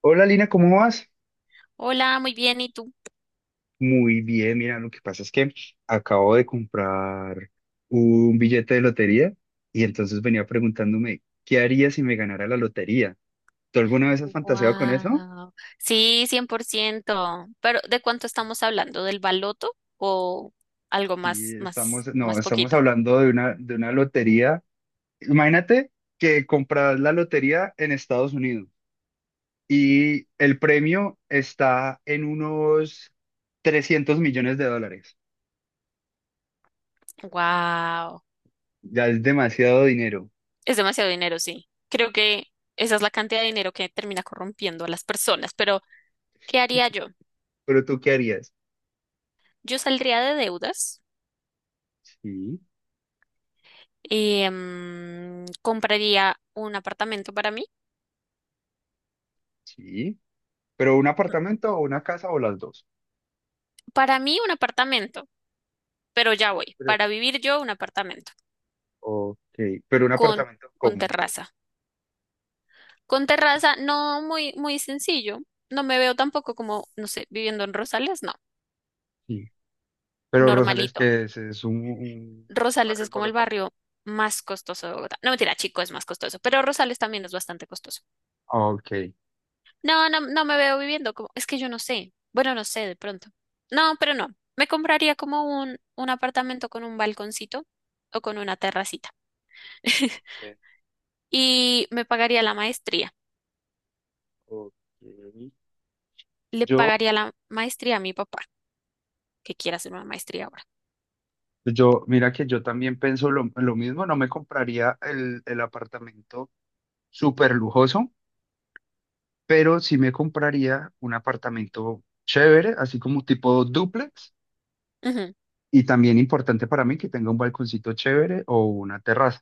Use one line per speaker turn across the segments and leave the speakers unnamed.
Hola Lina, ¿cómo vas?
Hola, muy bien, ¿y tú?
Muy bien, mira, lo que pasa es que acabo de comprar un billete de lotería y entonces venía preguntándome, ¿qué haría si me ganara la lotería? ¿Tú alguna vez has fantaseado con eso?
Wow. Sí, 100%. Pero ¿de cuánto estamos hablando? ¿Del baloto o algo
Sí,
más
estamos,
más
no,
más
estamos
poquito?
hablando de una lotería. Imagínate que compras la lotería en Estados Unidos y el premio está en unos 300 millones de dólares.
Wow.
Ya es demasiado dinero,
Es demasiado dinero, sí. Creo que esa es la cantidad de dinero que termina corrompiendo a las personas, pero ¿qué haría yo?
pero ¿tú qué harías?
Yo saldría de deudas
Sí.
y compraría un apartamento para mí.
Sí, pero un apartamento o una casa o las dos.
Para mí un apartamento, pero ya voy.
Pero,
Para vivir yo un apartamento
ok, pero un
con
apartamento,
con
¿cómo?
terraza. Con terraza, no muy sencillo. No me veo tampoco como, no sé, viviendo en Rosales, no,
Sí. Pero Rosales,
normalito.
¿qué es? ¿Es un
Rosales
barrio
es
en
como el
Bogotá?
barrio más costoso de Bogotá. No, mentira, Chico es más costoso, pero Rosales también es bastante costoso.
Ah, ok.
No, no, no me veo viviendo como, es que yo no sé. Bueno, no sé, de pronto. No, pero no. Me compraría como un apartamento con un balconcito o con una terracita.
Sí,
Y me pagaría la maestría.
ok.
Le
Yo,
pagaría la maestría a mi papá, que quiera hacer una maestría ahora.
mira que yo también pienso lo mismo, no me compraría el apartamento súper lujoso, pero sí me compraría un apartamento chévere, así como tipo dúplex,
Ujú.
y también importante para mí que tenga un balconcito chévere o una terraza.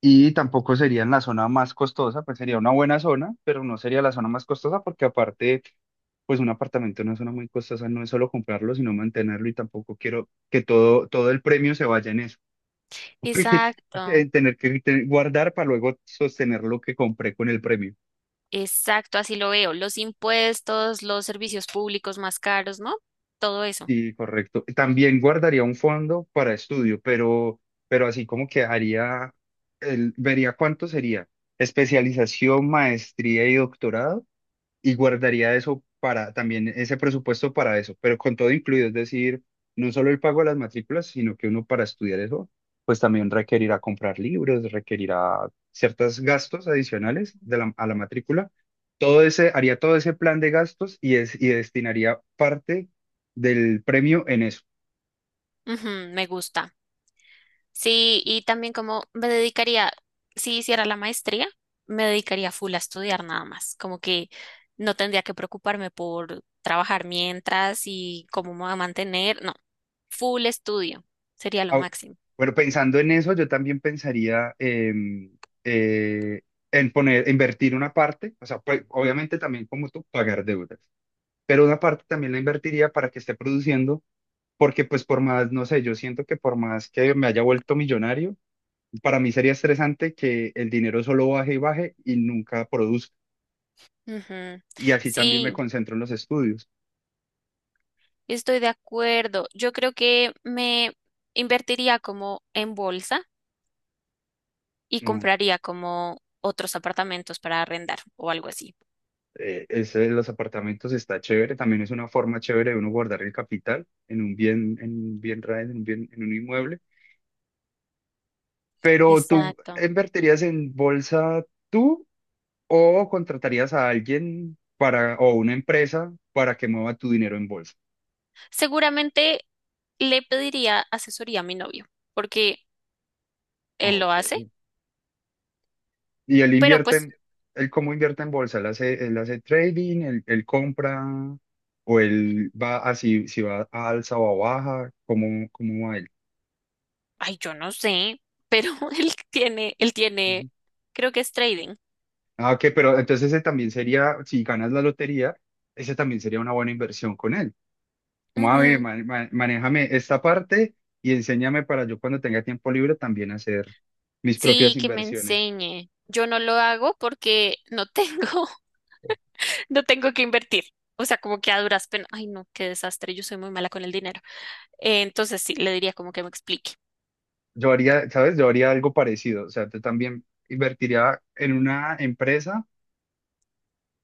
Y tampoco sería en la zona más costosa, pues sería una buena zona, pero no sería la zona más costosa porque aparte, pues un apartamento en una zona muy costosa no es solo comprarlo, sino mantenerlo, y tampoco quiero que todo el premio se vaya en eso, porque,
Exacto.
en tener que guardar para luego sostener lo que compré con el premio.
Exacto, así lo veo. Los impuestos, los servicios públicos más caros, ¿no? Todo eso.
Sí, correcto. También guardaría un fondo para estudio, pero así como que haría, el, vería cuánto sería especialización, maestría y doctorado, y guardaría eso para también ese presupuesto para eso, pero con todo incluido, es decir, no solo el pago de las matrículas, sino que uno para estudiar eso, pues también requerirá comprar libros, requerirá ciertos gastos adicionales de a la matrícula. Haría todo ese plan de gastos y destinaría parte del premio en eso.
Ujú, me gusta. Sí, y también como me dedicaría, si hiciera la maestría, me dedicaría full a estudiar nada más. Como que no tendría que preocuparme por trabajar mientras y cómo me voy a mantener. No, full estudio sería lo
Au-
máximo.
Bueno, pensando en eso, yo también pensaría eh, en poner, invertir una parte, o sea, pues, obviamente también como tú, pagar deudas. Pero una parte también la invertiría para que esté produciendo, porque pues por más, no sé, yo siento que por más que me haya vuelto millonario, para mí sería estresante que el dinero solo baje y baje y nunca produzca.
Ujú.
Y así también me
Sí,
concentro en los estudios.
estoy de acuerdo. Yo creo que me invertiría como en bolsa y
No,
compraría como otros apartamentos para arrendar o algo así.
ese de los apartamentos está chévere, también es una forma chévere de uno guardar el capital en un bien raíz, en un bien, en un inmueble. Pero tú
Exacto.
invertirías en bolsa, tú ¿o contratarías a alguien para, o una empresa para que mueva tu dinero en bolsa?
Seguramente le pediría asesoría a mi novio, porque
Ah,
él lo
ok.
hace,
Y él
pero pues,
invierte, él cómo invierte en bolsa, él hace él hace trading, él compra, o él va así, si va a alza o a baja, ¿cómo cómo va él?
ay, yo no sé, pero él tiene,
Ujú.
creo que es trading.
Ah, ok, pero entonces ese también sería, si ganas la lotería, ese también sería una buena inversión con él. Como, a ver,
Ujú.
manéjame esta parte y enséñame para yo cuando tenga tiempo libre también hacer mis propias
Sí, que me
inversiones.
enseñe. Yo no lo hago porque no tengo, no tengo que invertir. O sea, como que a duras penas. Ay, no, qué desastre. Yo soy muy mala con el dinero. Entonces sí, le diría como que me explique.
Yo haría, ¿sabes? Yo haría algo parecido. O sea, yo también invertiría en una empresa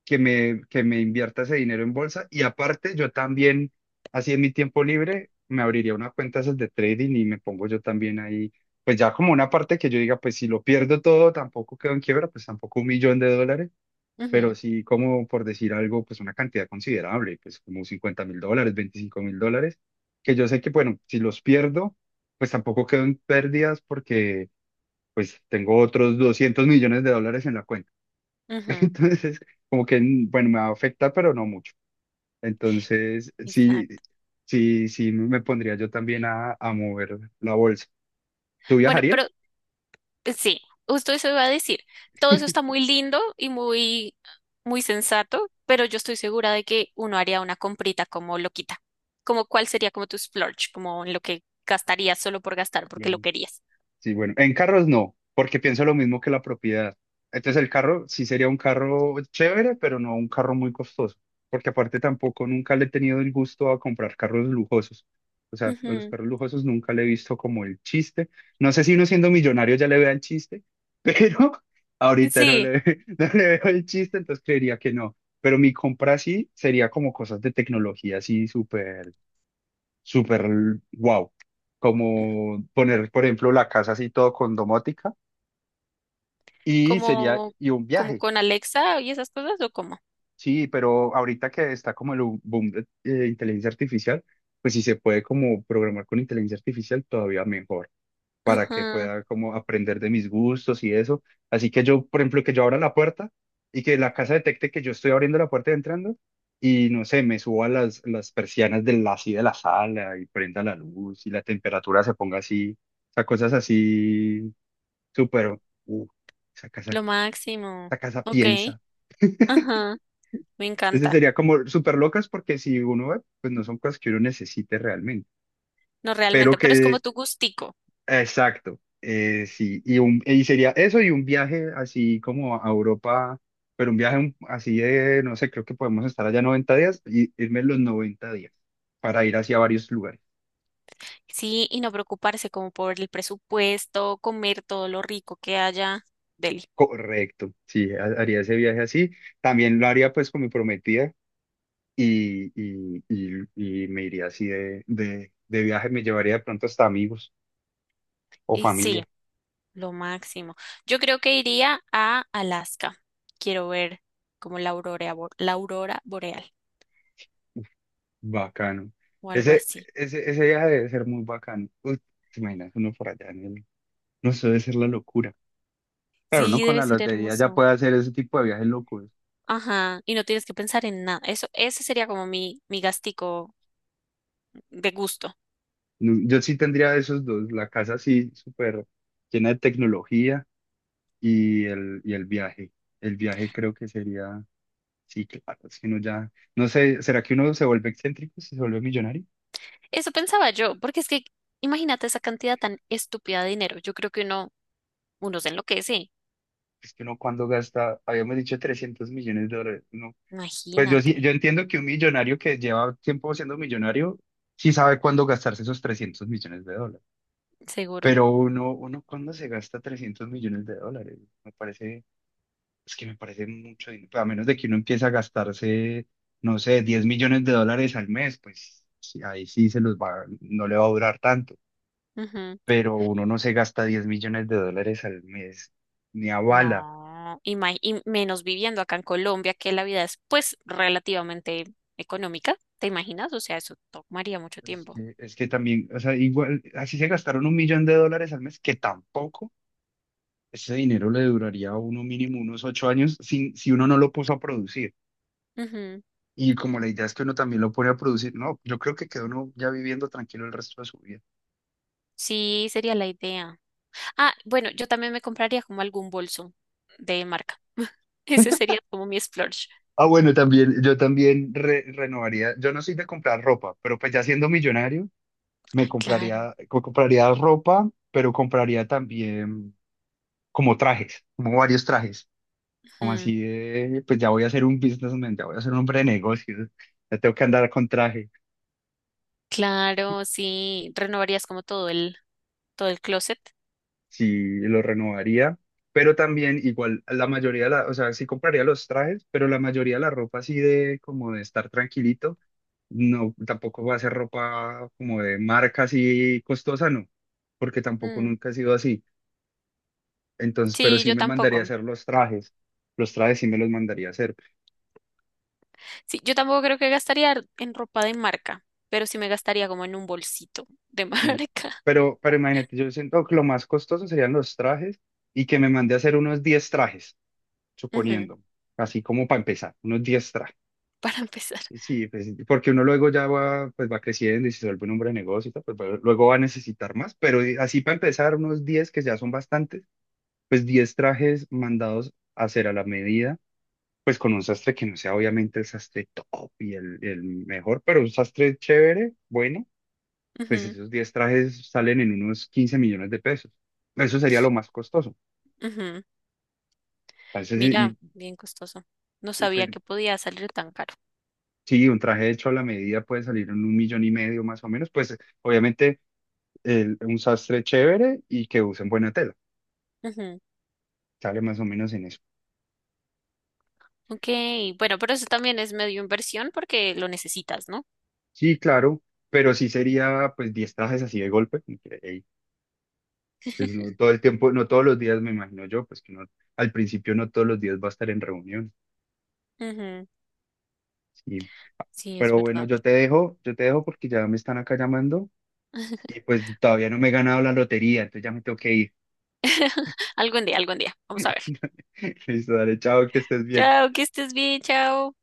que me invierta ese dinero en bolsa. Y aparte, yo también, así en mi tiempo libre, me abriría una cuenta esas de trading y me pongo yo también ahí. Pues ya como una parte que yo diga, pues si lo pierdo todo, tampoco quedo en quiebra, pues tampoco un millón de dólares, pero
Ujú,
sí como por decir algo, pues una cantidad considerable, pues como 50.000 dólares, 25.000 dólares, que yo sé que, bueno, si los pierdo, pues tampoco quedo en pérdidas porque pues tengo otros 200 millones de dólares en la cuenta.
ujú,
Entonces, como que, mm, bueno, me va a afectar, pero no mucho. Entonces, sí,
exacto.
sí, sí, me pondría yo también a mover la bolsa. ¿Tú
Bueno, pero
viajarías?
sí, justo eso iba a decir. Todo eso está muy lindo y muy sensato, pero yo estoy segura de que uno haría una comprita como loquita. Como cuál sería como tu splurge, como en lo que gastarías solo por gastar, porque lo querías.
Sí, bueno, en carros no, porque pienso lo mismo que la propiedad. Entonces el carro sí sería un carro chévere, pero no un carro muy costoso, porque aparte tampoco nunca le he tenido el gusto a comprar carros lujosos. O sea, a los
Ujú,
carros lujosos nunca le he visto como el chiste. No sé si uno siendo millonario ya le vea el chiste, pero ahorita no
sí.
le, no le veo el chiste, entonces creería que no. Pero mi compra sí sería como cosas de tecnología así súper súper wow. Como poner, por ejemplo, la casa así todo con domótica y sería,
¿Como,
y un
como
viaje.
con Alexa y esas cosas o cómo?
Sí, pero ahorita que está como el boom de inteligencia artificial, pues si se puede como programar con inteligencia artificial, todavía mejor, para que
Ajá,
pueda como aprender de mis gustos y eso. Así que yo, por ejemplo, que yo abra la puerta y que la casa detecte que yo estoy abriendo la puerta y entrando y no sé, me suba las persianas así de la sala y prenda la luz y la temperatura se ponga así. O sea, cosas así súper, uh, esa casa
lo máximo.
esa casa
Ok,
piensa.
ajá, me
Entonces
encanta.
sería como súper locas porque si uno ve, pues no son cosas que uno necesite realmente,
No
pero
realmente, pero es como
que
tu gustico.
Exacto, sí, y sería eso y un viaje así como a Europa, pero un viaje así de, no sé, creo que podemos estar allá 90 días y irme los 90 días para ir hacia varios lugares.
Sí, y no preocuparse como por el presupuesto, comer todo lo rico que haya. Deli.
Correcto, sí, haría ese viaje así. También lo haría pues con mi prometida y me iría así de viaje, me llevaría de pronto hasta amigos o
Y sí,
familia.
lo máximo. Yo creo que iría a Alaska. Quiero ver como la aurora, la aurora boreal
Bacano.
o algo
Ese,
así.
ese viaje debe ser muy bacano. Uy, ¿te imaginas uno por allá en el No, eso debe ser la locura. Claro, no
Sí,
con
debe
la
ser
lotería ya
hermoso.
puede hacer ese tipo de viajes locos.
Ajá, y no tienes que pensar en nada. Eso, ese sería como mi gastico de gusto.
No, yo sí tendría esos dos, la casa así súper llena de tecnología y el viaje. El viaje creo que sería, sí, claro, si uno ya, no sé, ¿será que uno se vuelve excéntrico si se vuelve millonario?
Eso pensaba yo, porque es que imagínate esa cantidad tan estúpida de dinero. Yo creo que uno se enloquece.
Es que uno cuando gasta, habíamos dicho 300 millones de dólares, no. Pues yo
Imagínate,
sí, yo entiendo que un millonario que lleva tiempo siendo millonario, sí sabe cuándo gastarse esos 300 millones de dólares.
seguro.
Pero uno cuando se gasta 300 millones de dólares, me parece, es que me parece mucho dinero. Pues, a menos de que uno empiece a gastarse, no sé, 10 millones de dólares al mes, pues sí, ahí sí se los va, no le va a durar tanto,
Ujú.
pero uno no se gasta 10 millones de dólares al mes, ni a bala.
No, y menos viviendo acá en Colombia, que la vida es pues relativamente económica, ¿te imaginas? O sea, eso tomaría mucho
Pues es
tiempo.
que es que también, o sea, igual, así se gastaron un millón de dólares al mes, que tampoco ese dinero le duraría a uno mínimo unos 8 años si uno no lo puso a producir.
Ujú.
Y como la idea es que uno también lo pone a producir, no, yo creo que queda uno ya viviendo tranquilo el resto de su vida.
Sí, sería la idea. Ah, bueno, yo también me compraría como algún bolso de marca. Ese sería como mi splurge.
Ah, bueno, también, yo también renovaría, yo no soy de comprar ropa, pero pues ya siendo millonario, me
Ay, claro.
compraría, compraría ropa, pero compraría también como trajes, como varios trajes, como
Ujú.
así de, pues ya voy a ser un businessman, ya voy a ser un hombre de negocios, ya tengo que andar con traje.
Claro, sí, renovarías como todo todo el closet.
Sí lo renovaría, pero también igual la mayoría de la, o sea, sí compraría los trajes, pero la mayoría de la ropa así de como de estar tranquilito, no, tampoco va a ser ropa como de marca así costosa, no, porque tampoco
Mm,
nunca ha sido así. Entonces, pero
sí,
sí
yo
me mandaría a
tampoco.
hacer los trajes sí me los mandaría a hacer.
Sí, yo tampoco creo que gastaría en ropa de marca, pero sí me gastaría como en un bolsito de
Mm.
marca.
Pero imagínate, yo siento que lo más costoso serían los trajes y que me mandé a hacer unos 10 trajes,
Ujú,
suponiendo, así como para empezar, unos 10 trajes.
para empezar.
Sí, pues, porque uno luego ya va, pues va creciendo y se vuelve un hombre de negocio y tal, pues luego va a necesitar más, pero así para empezar, unos 10 que ya son bastantes, pues 10 trajes mandados a hacer a la medida, pues con un sastre que no sea obviamente el sastre top y el mejor, pero un sastre chévere, bueno, pues
Ujú,
esos 10 trajes salen en unos 15 millones de pesos. Eso sería lo más costoso.
ujú.
Entonces,
Mira, bien costoso. No sabía
pero
que podía salir tan caro.
sí, un traje hecho a la medida puede salir en un millón y medio más o menos, pues obviamente un sastre chévere y que usen buena tela.
Ujú.
Sale más o menos en eso.
Ok, bueno, pero eso también es medio inversión porque lo necesitas, ¿no?
Sí, claro, pero sí sería pues 10 trajes así de golpe, como que, ey, pues no todo el tiempo, no todos los días me imagino yo, pues que no, al principio no todos los días va a estar en reunión.
Ujú,
Sí.
sí, es
Pero bueno,
verdad.
yo te dejo porque ya me están acá llamando y pues todavía no me he ganado la lotería, entonces ya me tengo que ir.
Algún día, algún día. Vamos a ver.
Listo, dale, chao, que estés bien.
Chao, que estés bien, chao.